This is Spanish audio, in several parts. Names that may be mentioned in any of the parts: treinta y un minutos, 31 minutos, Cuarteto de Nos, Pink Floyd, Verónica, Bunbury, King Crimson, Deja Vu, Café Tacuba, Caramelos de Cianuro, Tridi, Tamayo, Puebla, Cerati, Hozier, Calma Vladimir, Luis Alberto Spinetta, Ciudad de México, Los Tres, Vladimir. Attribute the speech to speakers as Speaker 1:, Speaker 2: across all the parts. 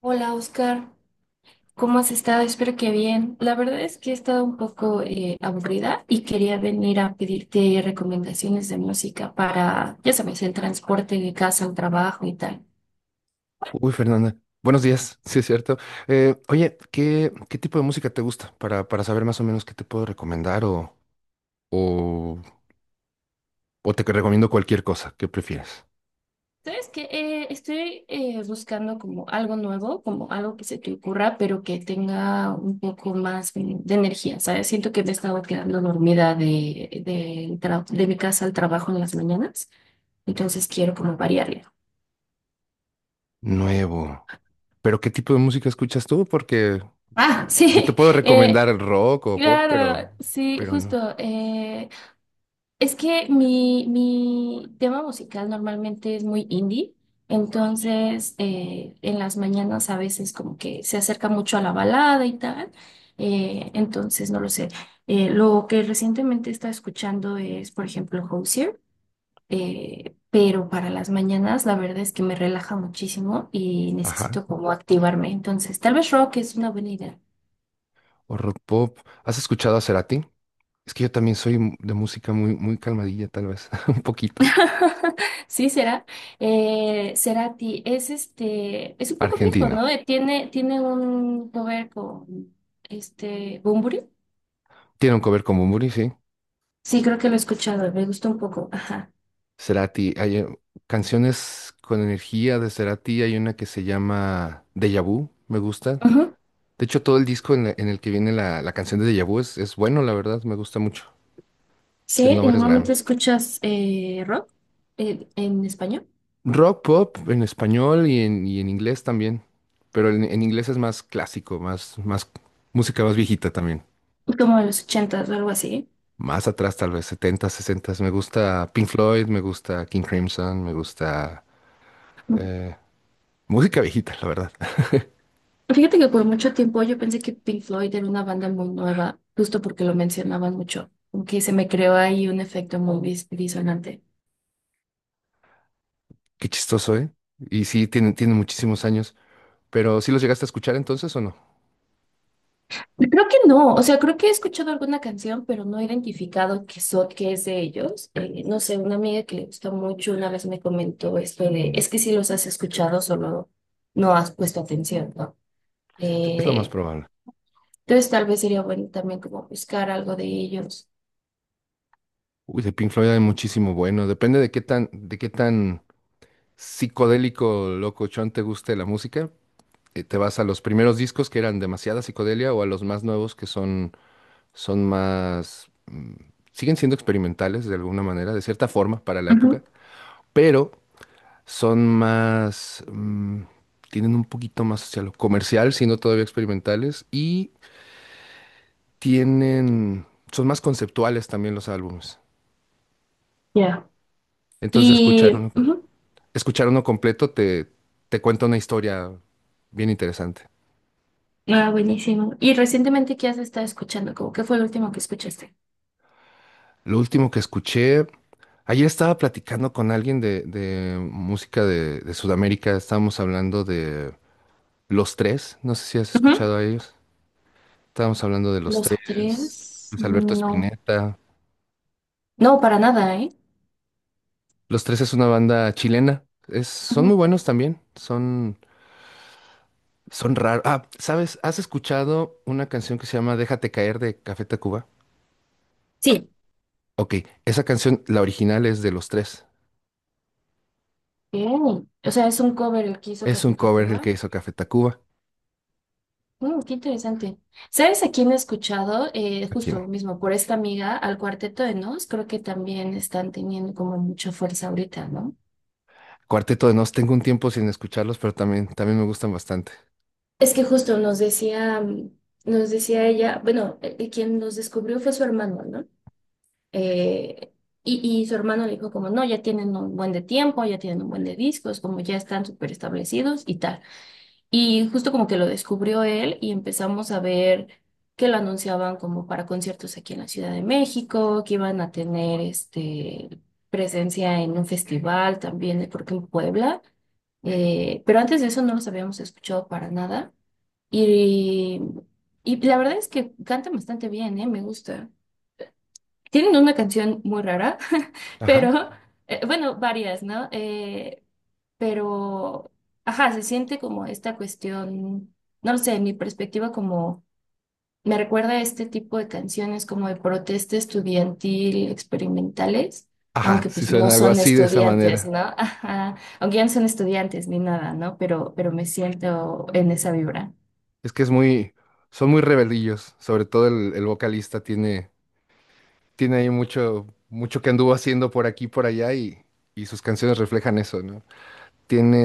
Speaker 1: Hola Oscar, ¿cómo has estado? Espero que bien. La verdad es que he estado un poco aburrida y quería venir a pedirte recomendaciones de música para, ya sabes, el transporte de casa al trabajo y tal.
Speaker 2: Uy, Fernanda, buenos días, sí es cierto. Oye, ¿qué tipo de música te gusta? Para saber más o menos qué te puedo recomendar o, o te recomiendo cualquier cosa, ¿qué prefieres?
Speaker 1: Sabes que estoy buscando como algo nuevo, como algo que se te ocurra, pero que tenga un poco más de energía, ¿sabes? Siento que me he estado quedando dormida de mi casa al trabajo en las mañanas, entonces quiero como variarle.
Speaker 2: Nuevo. Pero ¿qué tipo de música escuchas tú? Porque
Speaker 1: Ah,
Speaker 2: yo te
Speaker 1: sí.
Speaker 2: puedo
Speaker 1: eh,
Speaker 2: recomendar el rock o pop,
Speaker 1: Claro, sí,
Speaker 2: pero no.
Speaker 1: justo. Es que mi tema musical normalmente es muy indie, entonces en las mañanas a veces como que se acerca mucho a la balada y tal, entonces no lo sé. Lo que recientemente he escuchando es, por ejemplo, Hozier, pero para las mañanas la verdad es que me relaja muchísimo y
Speaker 2: Ajá,
Speaker 1: necesito como activarme, entonces tal vez rock es una buena idea.
Speaker 2: o rock pop. ¿Has escuchado a Cerati? Es que yo también soy de música muy, muy calmadilla, tal vez, un poquito.
Speaker 1: Sí, será. Cerati es este, es un poco viejo,
Speaker 2: Argentino.
Speaker 1: ¿no? Tiene un cover con este Bunbury.
Speaker 2: Tiene un cover como Muri, sí.
Speaker 1: Sí, creo que lo he escuchado, me gusta un poco. Ajá.
Speaker 2: Cerati, hay canciones con energía de Cerati, hay una que se llama Deja Vu, me gusta.
Speaker 1: Ujú.
Speaker 2: De hecho, todo el disco en el que viene la canción de Deja Vu es bueno, la verdad, me gusta mucho.
Speaker 1: Sí,
Speaker 2: Ganó
Speaker 1: y
Speaker 2: varios
Speaker 1: normalmente
Speaker 2: Grammys.
Speaker 1: escuchas rock en español,
Speaker 2: Rock pop en español y en inglés también, pero en inglés es más clásico, más música más viejita también.
Speaker 1: como de los ochentas o algo así.
Speaker 2: Más atrás, tal vez, 70, 60. Me gusta Pink Floyd, me gusta King Crimson, me gusta
Speaker 1: Ujú.
Speaker 2: eh, música viejita, la verdad.
Speaker 1: Fíjate que por mucho tiempo yo pensé que Pink Floyd era una banda muy nueva, justo porque lo mencionaban mucho, aunque se me creó ahí un efecto muy disonante.
Speaker 2: Qué chistoso, ¿eh? Y sí, tiene, tiene muchísimos años. Pero ¿sí los llegaste a escuchar entonces o no?
Speaker 1: Creo que no, o sea, creo que he escuchado alguna canción, pero no he identificado que es de ellos. No sé, una amiga que le gusta mucho una vez me comentó esto de, es que si los has escuchado, solo no has puesto atención, ¿no?
Speaker 2: Es lo más
Speaker 1: Eh,
Speaker 2: probable.
Speaker 1: entonces tal vez sería bueno también como buscar algo de ellos.
Speaker 2: Uy, de Pink Floyd hay muchísimo bueno. Depende de de qué tan psicodélico, locochón te guste la música. Te vas a los primeros discos que eran demasiada psicodelia o a los más nuevos que son más, siguen siendo experimentales de alguna manera, de cierta forma para la época,
Speaker 1: Ujú,
Speaker 2: pero son más, tienen un poquito más hacia lo comercial, siendo todavía experimentales, y tienen, son más conceptuales también los álbumes.
Speaker 1: ya.
Speaker 2: Entonces
Speaker 1: Y, ujú,
Speaker 2: escuchar uno completo te cuenta una historia bien interesante.
Speaker 1: ah, buenísimo. ¿Y recientemente qué has estado escuchando? ¿Cómo qué fue el último que escuchaste?
Speaker 2: Lo último que escuché, ayer estaba platicando con alguien de música de Sudamérica, estábamos hablando de Los Tres, no sé si has
Speaker 1: Ujú.
Speaker 2: escuchado a ellos, estábamos hablando de Los Tres,
Speaker 1: Los tres,
Speaker 2: Luis Alberto
Speaker 1: no,
Speaker 2: Spinetta.
Speaker 1: no, para nada, ¿eh?
Speaker 2: Los Tres es una banda chilena, son muy
Speaker 1: Ujú.
Speaker 2: buenos también, son... Son raros. Ah, ¿sabes? ¿Has escuchado una canción que se llama Déjate caer de Café Tacuba?
Speaker 1: Sí.
Speaker 2: Ok, esa canción, la original es de los tres.
Speaker 1: Ok. O sea, es un cover el que hizo
Speaker 2: Es un
Speaker 1: Café
Speaker 2: cover el que
Speaker 1: Tacuba.
Speaker 2: hizo Café Tacuba.
Speaker 1: Mm, qué interesante. ¿Sabes a quién he escuchado?
Speaker 2: Aquí en
Speaker 1: Justo mismo, por esta amiga, al Cuarteto de Nos, creo que también están teniendo como mucha fuerza ahorita, ¿no?
Speaker 2: Cuarteto de Nos. Tengo un tiempo sin escucharlos, pero también, también me gustan bastante.
Speaker 1: Es que justo nos decía, nos decía ella, bueno, quien nos descubrió fue su hermano, ¿no? Eh, y, y su hermano le dijo como, no, ya tienen un buen de tiempo, ya tienen un buen de discos, como ya están súper establecidos y tal. Y justo como que lo descubrió él y empezamos a ver que lo anunciaban como para conciertos aquí en la Ciudad de México, que iban a tener este, presencia en un festival también, creo que en Puebla. Pero antes de eso no los habíamos escuchado para nada. Y, y la verdad es que cantan bastante bien, ¿eh? Me gusta. Tienen una canción muy rara
Speaker 2: Ajá.
Speaker 1: pero, bueno, varias, ¿no? Pero, ajá, se siente como esta cuestión, no lo sé, en mi perspectiva como, me recuerda a este tipo de canciones como de protesta estudiantil experimentales,
Speaker 2: Ajá,
Speaker 1: aunque
Speaker 2: sí
Speaker 1: pues no
Speaker 2: suena algo
Speaker 1: son
Speaker 2: así de esa
Speaker 1: estudiantes,
Speaker 2: manera.
Speaker 1: ¿no? Ajá, aunque ya no son estudiantes ni nada, ¿no? Pero me siento en esa vibra.
Speaker 2: Es que es muy, Son muy rebelillos. Sobre todo el vocalista tiene ahí mucho, mucho que anduvo haciendo por aquí y por allá y sus canciones reflejan eso, ¿no?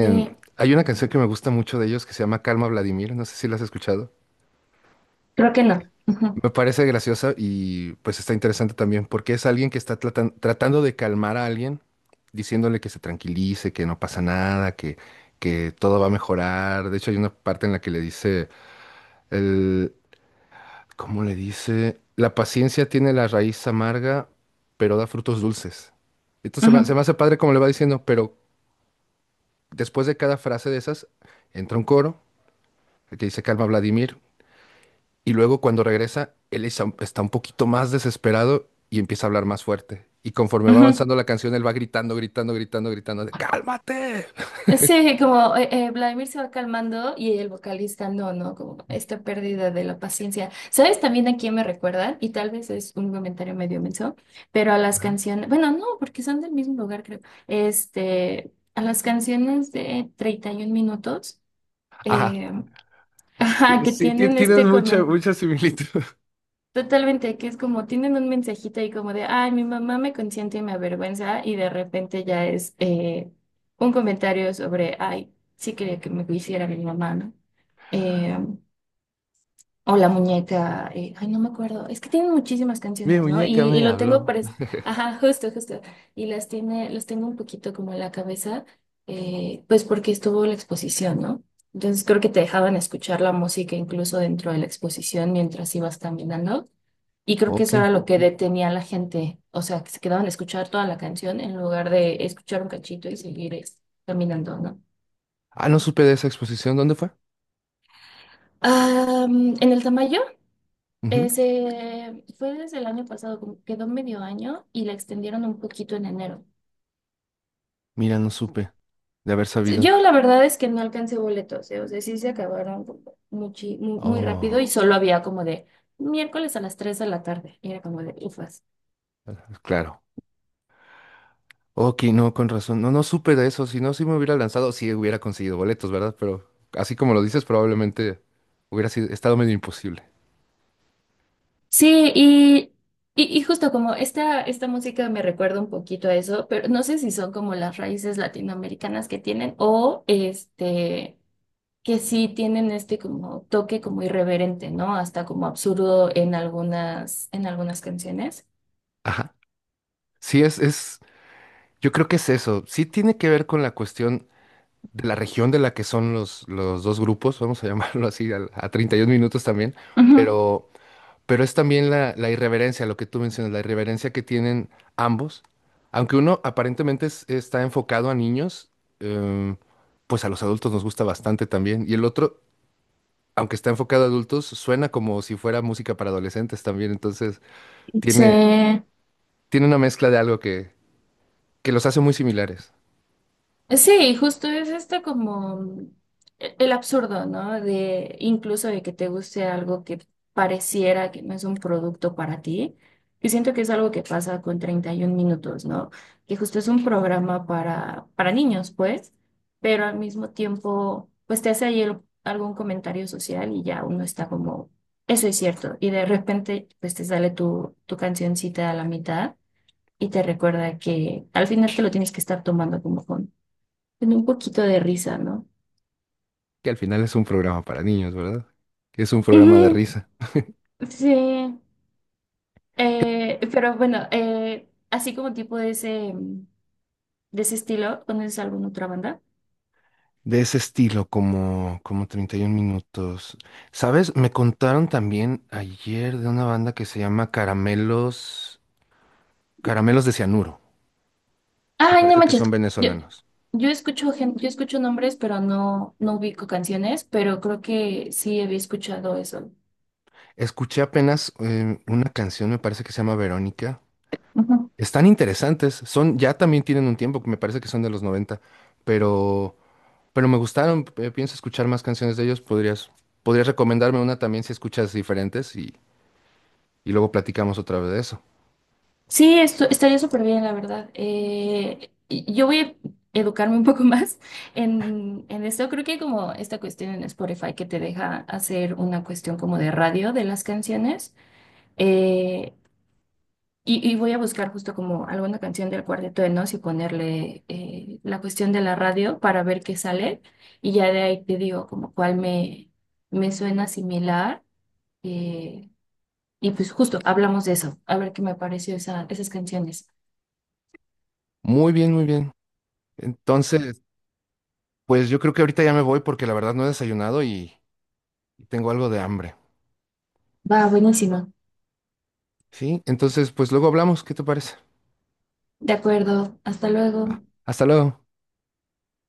Speaker 1: Sí,
Speaker 2: Hay una canción que me gusta mucho de ellos que se llama Calma Vladimir, no sé si la has escuchado.
Speaker 1: creo que no. Ujú,
Speaker 2: Me parece graciosa y pues está interesante también porque es alguien que está tratando de calmar a alguien, diciéndole que se tranquilice, que no pasa nada, que todo va a mejorar. De hecho, hay una parte en la que le dice, el, ¿cómo le dice? La paciencia tiene la raíz amarga, pero da frutos dulces. Entonces se
Speaker 1: ujú,
Speaker 2: me hace padre como le va diciendo, pero después de cada frase de esas entra un coro que dice Calma Vladimir. Y luego cuando regresa, está un poquito más desesperado y empieza a hablar más fuerte. Y conforme va avanzando
Speaker 1: ujú.
Speaker 2: la canción, él va gritando, gritando, gritando, gritando de ¡Cálmate!
Speaker 1: Sí, como Vladimir se va calmando y el vocalista no, ¿no? Como esta pérdida de la paciencia. ¿Sabes también a quién me recuerdan? Y tal vez es un comentario medio menso, pero a las canciones, bueno, no, porque son del mismo lugar, creo. Este, a las canciones de 31 minutos,
Speaker 2: Ajá.
Speaker 1: eh, ajá,
Speaker 2: Sí,
Speaker 1: que
Speaker 2: sí,
Speaker 1: tienen
Speaker 2: tienes
Speaker 1: este
Speaker 2: mucha,
Speaker 1: comentario.
Speaker 2: mucha similitud.
Speaker 1: Totalmente, que es como tienen un mensajito ahí como de, ay, mi mamá me consiente y me avergüenza, y de repente ya es un comentario sobre, ay, sí quería que me hiciera mi mamá, ¿no? Eh, o la muñeca, ay, no me acuerdo, es que tienen muchísimas
Speaker 2: Mi
Speaker 1: canciones, ¿no?
Speaker 2: muñeca
Speaker 1: Y
Speaker 2: me
Speaker 1: lo tengo,
Speaker 2: habló.
Speaker 1: ajá, justo, justo, y las tiene, los tengo un poquito como en la cabeza, pues porque estuvo la exposición, ¿no? Entonces creo que te dejaban escuchar la música incluso dentro de la exposición mientras ibas caminando. Y creo que
Speaker 2: Ok.
Speaker 1: eso era lo que detenía a la gente, o sea, que se quedaban a escuchar toda la canción en lugar de escuchar un cachito y seguir caminando, ¿no?
Speaker 2: Ah, no supe de esa exposición. ¿Dónde fue?
Speaker 1: Ah, en el Tamayo,
Speaker 2: Ujú.
Speaker 1: se fue desde el año pasado, como quedó medio año y la extendieron un poquito en enero.
Speaker 2: Mira, no supe de haber sabido.
Speaker 1: Yo la verdad es que no alcancé boletos, ¿eh? O sea, sí se acabaron muy, rápido y
Speaker 2: Oh,
Speaker 1: solo había como de miércoles a las 3 de la tarde. Y era como de, ufa,
Speaker 2: claro. Ok, no, con razón. No, no supe de eso. Si no, sí me hubiera lanzado, sí hubiera conseguido boletos, ¿verdad? Pero así como lo dices, probablemente estado medio imposible.
Speaker 1: sí, y justo como esta música me recuerda un poquito a eso, pero no sé si son como las raíces latinoamericanas que tienen o este, que sí tienen este como toque como irreverente, ¿no? Hasta como absurdo en algunas canciones.
Speaker 2: Ajá. Sí, es, yo creo que es eso. Sí tiene que ver con la cuestión de la región de la que son los dos grupos, vamos a llamarlo así, 31 minutos también,
Speaker 1: Ujú.
Speaker 2: pero, pero es también la irreverencia, lo que tú mencionas, la irreverencia que tienen ambos. Aunque uno aparentemente está enfocado a niños, em, pues a los adultos nos gusta bastante también. Y el otro, aunque está enfocado a adultos, suena como si fuera música para adolescentes también. Entonces,
Speaker 1: Sí.
Speaker 2: tiene, tiene una mezcla de algo que los hace muy similares.
Speaker 1: Sí, justo es esto como el absurdo, ¿no? De incluso de que te guste algo que pareciera que no es un producto para ti, que siento que es algo que pasa con 31 minutos, ¿no? Que justo es un programa para niños, pues, pero al mismo tiempo, pues te hace ahí algún comentario social y ya uno está como, eso es cierto, y de repente, pues te sale tu cancioncita a la mitad y te recuerda que al final te lo tienes que estar tomando como con tiene un poquito de risa, ¿no?
Speaker 2: Que al final es un programa para niños, ¿verdad? Que es un programa de
Speaker 1: Ujú,
Speaker 2: risa.
Speaker 1: sí, pero bueno, así como tipo de ese estilo, ¿conoces alguna otra banda?
Speaker 2: De ese estilo, como, como 31 minutos. ¿Sabes? Me contaron también ayer de una banda que se llama Caramelos, Caramelos de Cianuro. Me
Speaker 1: Ay, no
Speaker 2: parece que son
Speaker 1: manches, yo,
Speaker 2: venezolanos.
Speaker 1: yo escucho yo escucho nombres, pero no, no ubico canciones, pero creo que sí había escuchado eso.
Speaker 2: Escuché apenas una canción, me parece que se llama Verónica. Están interesantes. Son, ya también tienen un tiempo, me parece que son de los 90, pero Pero me gustaron, pienso escuchar más canciones de ellos. Podrías recomendarme una también si escuchas diferentes y luego platicamos otra vez de eso.
Speaker 1: Sí, esto, estaría súper bien, la verdad. Yo voy a educarme un poco más en esto. Creo que hay como esta cuestión en Spotify que te deja hacer una cuestión como de radio de las canciones. Eh, y, y voy a buscar justo como alguna canción del Cuarteto de Nos y ponerle la cuestión de la radio para ver qué sale. Y ya de ahí te digo como cuál me, me suena similar. Eh, y pues justo hablamos de eso, a ver qué me pareció esa, esas canciones.
Speaker 2: Muy bien, muy bien. Entonces, pues yo creo que ahorita ya me voy porque la verdad no he desayunado y tengo algo de hambre.
Speaker 1: Va, buenísimo.
Speaker 2: ¿Sí? Entonces, pues luego hablamos. ¿Qué te parece?
Speaker 1: De acuerdo. Hasta
Speaker 2: Ah,
Speaker 1: luego.
Speaker 2: hasta luego.